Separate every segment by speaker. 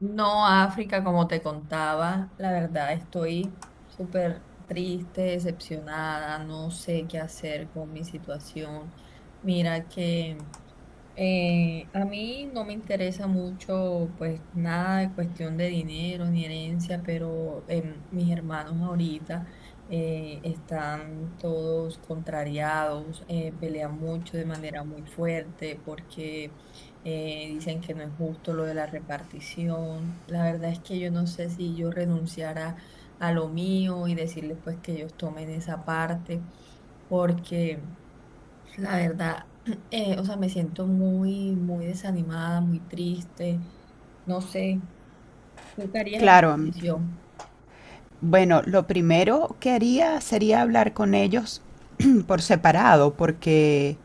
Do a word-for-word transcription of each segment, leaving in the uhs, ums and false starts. Speaker 1: No, África, como te contaba, la verdad estoy súper triste, decepcionada, no sé qué hacer con mi situación. Mira que eh, a mí no me interesa mucho, pues nada de cuestión de dinero ni herencia, pero em, mis hermanos ahorita eh, están todos contrariados, eh, pelean mucho de manera muy fuerte porque eh, dicen que no es justo lo de la repartición. La verdad es que yo no sé si yo renunciara a lo mío y decirles pues que ellos tomen esa parte porque... La verdad, eh, o sea, me siento muy, muy desanimada, muy triste. No sé, ¿tú qué harías en mi
Speaker 2: Claro, mm,
Speaker 1: posición?
Speaker 2: bueno, lo primero que haría sería hablar con ellos por separado, porque,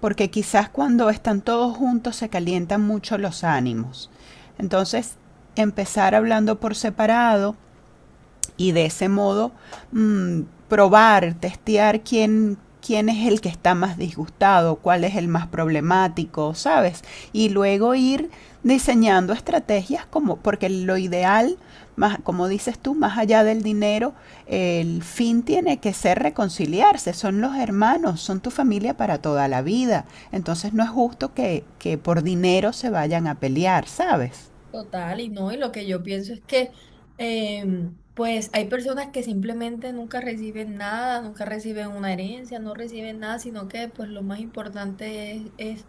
Speaker 2: porque quizás cuando están todos juntos se calientan mucho los ánimos. Entonces, empezar hablando por separado, y de ese modo mm, probar, testear quién, quién es el que está más disgustado, cuál es el más problemático, ¿sabes? Y luego ir diseñando estrategias como, porque lo ideal, más, como dices tú, más allá del dinero, el fin tiene que ser reconciliarse, son los hermanos, son tu familia para toda la vida, entonces no es justo que, que por dinero se vayan a pelear, ¿sabes?
Speaker 1: Total, y no, y lo que yo pienso es que em, pues hay personas que simplemente nunca reciben nada, nunca reciben una herencia, no reciben nada, sino que pues lo más importante es, es,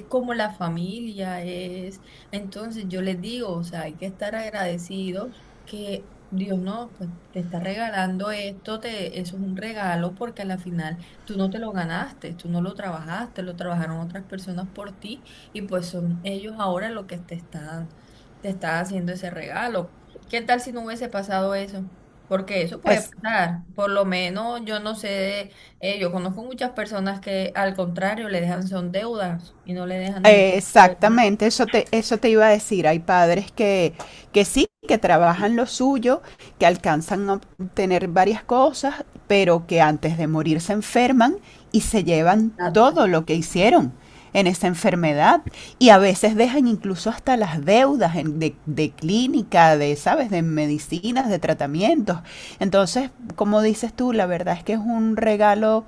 Speaker 1: es como la familia, es, entonces yo les digo, o sea, hay que estar agradecidos que Dios no, pues te está regalando esto, te, eso es un regalo porque a la final tú no te lo ganaste, tú no lo trabajaste, lo trabajaron otras personas por ti. Y pues son ellos ahora lo que te están dando te está haciendo ese regalo. ¿Qué tal si no hubiese pasado eso? Porque eso puede
Speaker 2: Es,
Speaker 1: pasar. Por lo menos yo no sé, de- eh, yo conozco muchas personas que al contrario le dejan son deudas y no le dejan
Speaker 2: Eh,
Speaker 1: ningún tipo de dinero.
Speaker 2: Exactamente, eso te, eso te iba a decir. Hay padres que, que sí, que trabajan lo suyo, que alcanzan a obtener varias cosas, pero que antes de morir se enferman y se llevan
Speaker 1: Exacto.
Speaker 2: todo lo que hicieron en esa enfermedad. Y a veces dejan incluso hasta las deudas en- de, de clínica, de, ¿sabes?, de medicinas, de tratamientos. Entonces, como dices tú, la verdad es que es un regalo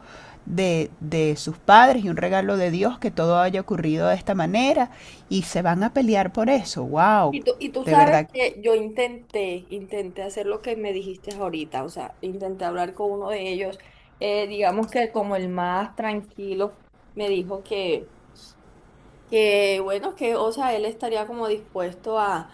Speaker 2: de, de, sus padres y un regalo de Dios que todo haya ocurrido de esta manera y se van a pelear por eso. ¡Wow!
Speaker 1: Y tú, y tú
Speaker 2: De
Speaker 1: sabes
Speaker 2: verdad.
Speaker 1: que yo intenté, intenté hacer lo que me dijiste ahorita, o sea, intenté hablar con uno de ellos, eh, digamos que como el más tranquilo, me dijo que... Que bueno, que o sea, él estaría como dispuesto a,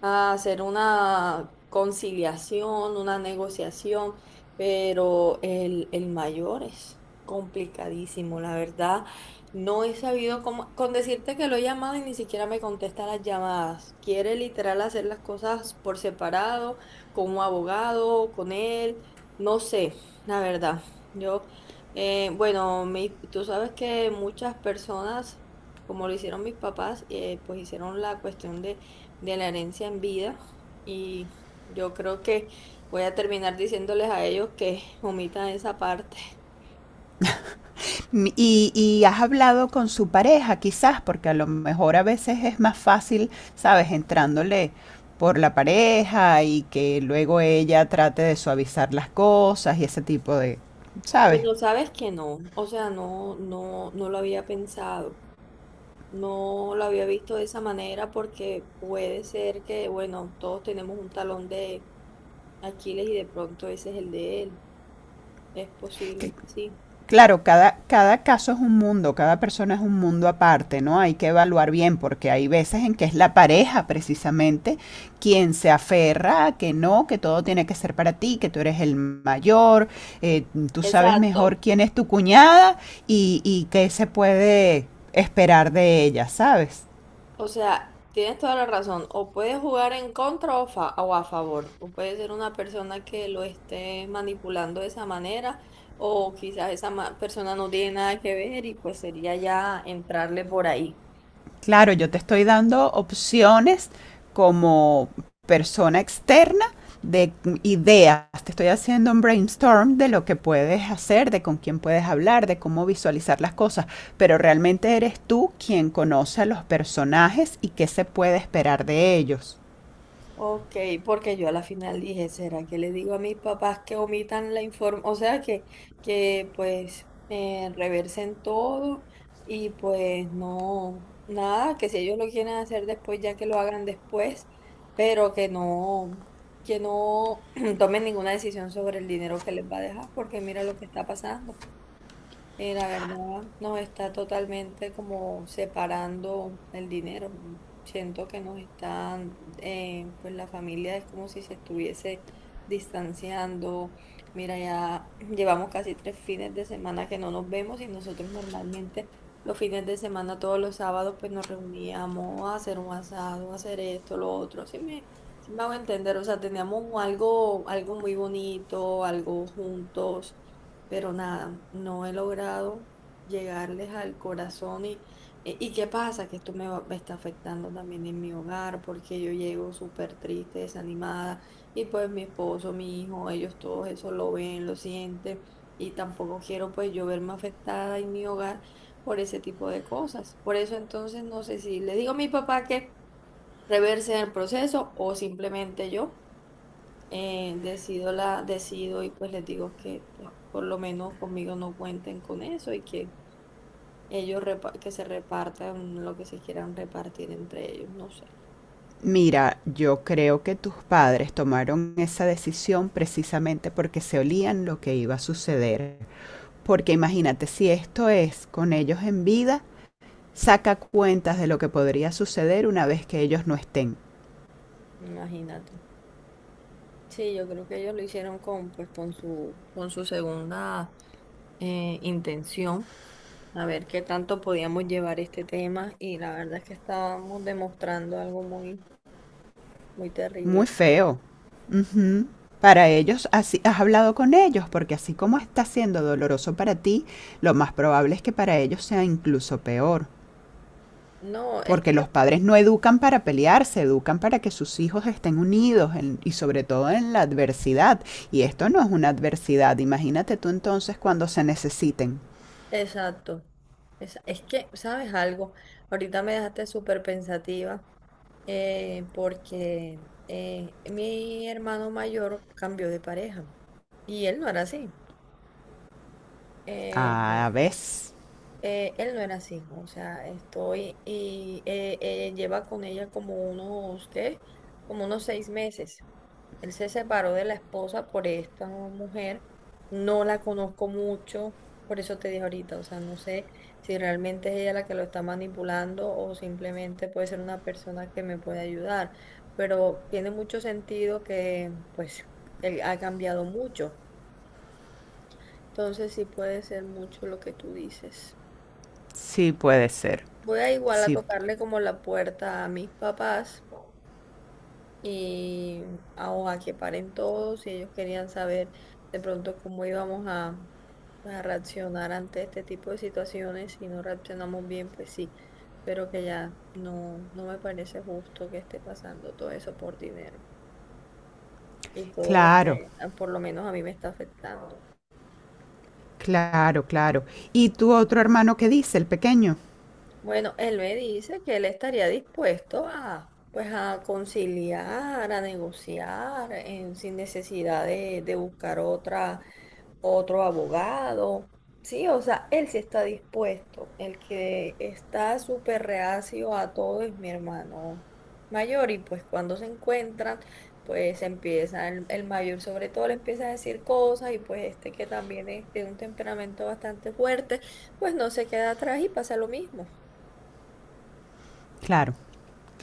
Speaker 1: a hacer una conciliación, una negociación, pero el, el mayor es complicadísimo, la verdad. No he sabido cómo, con decirte que lo he llamado y ni siquiera me contesta las llamadas. Quiere literal hacer las cosas por separado, como abogado, con él, no sé, la verdad. Yo, eh, bueno, mi- tú sabes que muchas personas como lo hicieron mis papás, eh, pues hicieron la cuestión de, de la herencia en vida y yo creo que voy a terminar diciéndoles a ellos que omitan esa parte.
Speaker 2: Y, y has hablado con su pareja quizás, porque a lo mejor a veces es más fácil, ¿sabes? Entrándole por la pareja y que luego ella trate de suavizar las cosas y ese tipo de, ¿sabes?
Speaker 1: Bueno, sabes que no, o sea, no, no, no lo había pensado, no lo había visto de esa manera porque puede ser que, bueno, todos tenemos un talón de Aquiles y de pronto ese es el de él, es posible, sí.
Speaker 2: Claro, cada, cada caso es un mundo, cada persona es un mundo aparte, ¿no? Hay que evaluar bien porque hay veces en que es la pareja precisamente quien se aferra a que no, que todo tiene que ser para ti, que tú eres el mayor, eh, tú sabes mejor
Speaker 1: Exacto.
Speaker 2: quién es tu cuñada y, y qué se puede esperar de ella, ¿sabes?
Speaker 1: O sea, tienes toda la razón. O puedes jugar en contra o, fa- o a favor. O puede ser una persona que lo esté manipulando de esa manera. O quizás esa ma- persona no tiene nada que ver y pues sería ya entrarle por ahí.
Speaker 2: Claro, yo te estoy dando opciones como persona externa de ideas. Te estoy haciendo un brainstorm de lo que puedes hacer, de con quién puedes hablar, de cómo visualizar las cosas, pero realmente eres tú quien conoce a los personajes y qué se puede esperar de ellos.
Speaker 1: Ok, porque yo a la final dije, ¿será que le digo a mis papás que omitan la información? O sea, que, que pues eh, reversen todo y pues no, nada, que si ellos lo quieren hacer después, ya que lo hagan después, pero que no, que no tomen ninguna decisión sobre el dinero que les va a dejar, porque mira lo que está pasando. Y la verdad nos está totalmente como separando el dinero. Siento que nos están, eh, pues la familia es como si se estuviese distanciando. Mira, ya llevamos casi tres fines de semana que no nos vemos y nosotros normalmente los fines de semana, todos los sábados, pues nos reuníamos a hacer un asado, a hacer esto, lo otro. Sí me, sí me hago entender, o sea, teníamos algo, algo muy bonito, algo juntos pero nada, no he logrado llegarles al corazón y, e- y qué pasa, que esto me, va- me está afectando también en mi hogar, porque yo llego súper triste, desanimada, y pues mi esposo, mi hijo, ellos todos eso lo ven, lo sienten, y tampoco quiero pues yo verme afectada en mi hogar por ese tipo de cosas. Por eso entonces no sé si le digo a mi papá que reverse el proceso o simplemente yo eh, decido la, decido y pues les digo que pues, por lo menos conmigo no cuenten con eso y que ellos repa- que se repartan lo que se quieran repartir entre ellos, no sé.
Speaker 2: Mira, yo creo que tus padres tomaron esa decisión precisamente porque se olían lo que iba a suceder. Porque imagínate, si esto es con ellos en vida, saca cuentas de lo que podría suceder una vez que ellos no estén.
Speaker 1: Imagínate. Sí, yo creo que ellos lo hicieron con pues con su con su segunda eh, intención, a ver qué tanto podíamos llevar este tema y la verdad es que estábamos demostrando algo muy muy
Speaker 2: Muy
Speaker 1: terrible.
Speaker 2: feo. Ujú. Para ellos, así, has hablado con ellos, porque así como está siendo doloroso para ti, lo más probable es que para ellos sea incluso peor.
Speaker 1: No, es
Speaker 2: Porque
Speaker 1: que
Speaker 2: los padres no educan para pelearse, educan para que sus hijos estén unidos en- y sobre todo en la adversidad. Y esto no es una adversidad. Imagínate tú entonces cuando se necesiten.
Speaker 1: exacto. Es, es que, ¿sabes algo? Ahorita me dejaste súper pensativa eh, porque eh, mi hermano mayor cambió de pareja y él no era así. Eh,
Speaker 2: A
Speaker 1: eh,
Speaker 2: veces.
Speaker 1: eh, él no era así. O sea, estoy y eh, eh, lleva con ella como unos, ¿qué? Como unos seis meses. Él se separó de la esposa por esta mujer. No la conozco mucho, por eso te dije ahorita, o sea, no sé si realmente es ella la que lo está manipulando o simplemente puede ser una persona que me puede ayudar. Pero tiene mucho sentido que, pues, él ha cambiado mucho. Entonces sí puede ser mucho lo que tú dices.
Speaker 2: Sí puede ser.
Speaker 1: Voy a igual a
Speaker 2: Sí.
Speaker 1: tocarle como la puerta a mis papás y a, a que paren todos y ellos querían saber de pronto cómo íbamos a, a reaccionar ante este tipo de situaciones. Si no reaccionamos bien, pues sí, pero que ya no, no me parece justo que esté pasando todo eso por dinero y todo lo
Speaker 2: Claro.
Speaker 1: que ah, por lo menos a mí me está afectando.
Speaker 2: Claro, claro. ¿Y tu otro hermano qué dice, el pequeño?
Speaker 1: Bueno, él me dice que él estaría dispuesto a... Pues a conciliar, a negociar, eh, sin necesidad de, de buscar otra, otro abogado. Sí, o sea, él sí está dispuesto. El que está súper reacio a todo es mi hermano mayor y pues cuando se encuentran, pues empieza el, el mayor sobre todo le empieza a decir cosas y pues este que también es de un temperamento bastante fuerte, pues no se queda atrás y pasa lo mismo.
Speaker 2: Claro,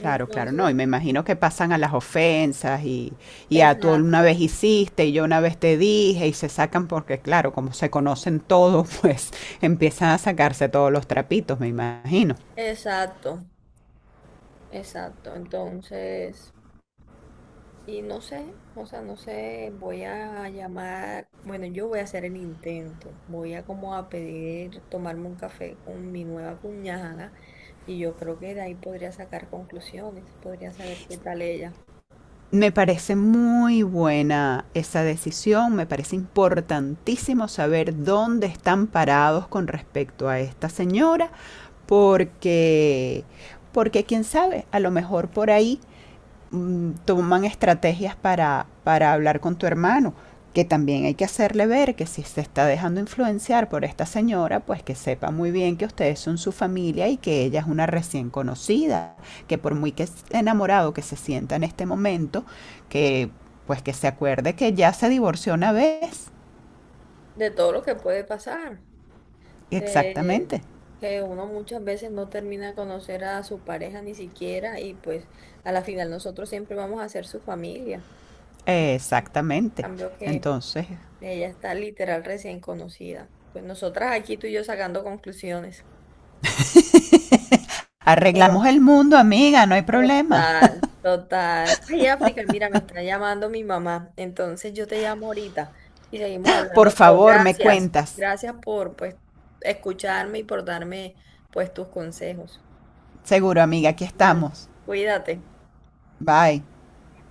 Speaker 2: claro, claro. No, y me imagino que pasan a las ofensas y, y a tú una
Speaker 1: exacto,
Speaker 2: vez hiciste y yo una vez te dije y se sacan porque, claro, como se conocen todos, pues empiezan a sacarse todos los trapitos, me imagino.
Speaker 1: exacto, exacto. Entonces... Y no sé, o sea, no sé, voy a llamar, bueno, yo voy a hacer el intento, voy a como a pedir tomarme un café con mi nueva cuñada y yo creo que de ahí podría sacar conclusiones, podría saber qué tal ella,
Speaker 2: Me parece muy buena esa decisión, me parece importantísimo saber dónde están parados con respecto a esta señora, porque, porque, quién sabe, a lo mejor por ahí mm, toman estrategias para, para hablar con tu hermano, que también hay que hacerle ver que si se está dejando influenciar por esta señora, pues que sepa muy bien que ustedes son su familia y que ella es una recién conocida, que por muy que enamorado que se sienta en este momento, que pues que se acuerde que ya se divorció una vez.
Speaker 1: de todo lo que puede pasar, de
Speaker 2: Exactamente,
Speaker 1: que uno muchas veces no termina de conocer a su pareja ni siquiera y pues a la final nosotros siempre vamos a ser su familia. En
Speaker 2: exactamente.
Speaker 1: cambio que
Speaker 2: Entonces,
Speaker 1: ella está literal recién conocida. Pues nosotras aquí tú y yo sacando conclusiones. Pero
Speaker 2: arreglamos el mundo, amiga, no hay problema.
Speaker 1: total, total. Ay, África, mira, me está llamando mi mamá. Entonces yo te llamo ahorita y seguimos
Speaker 2: Por
Speaker 1: hablando. Pero
Speaker 2: favor, me
Speaker 1: gracias,
Speaker 2: cuentas.
Speaker 1: gracias por pues escucharme y por darme pues tus consejos.
Speaker 2: Seguro, amiga, aquí
Speaker 1: Vale,
Speaker 2: estamos.
Speaker 1: cuídate.
Speaker 2: Bye.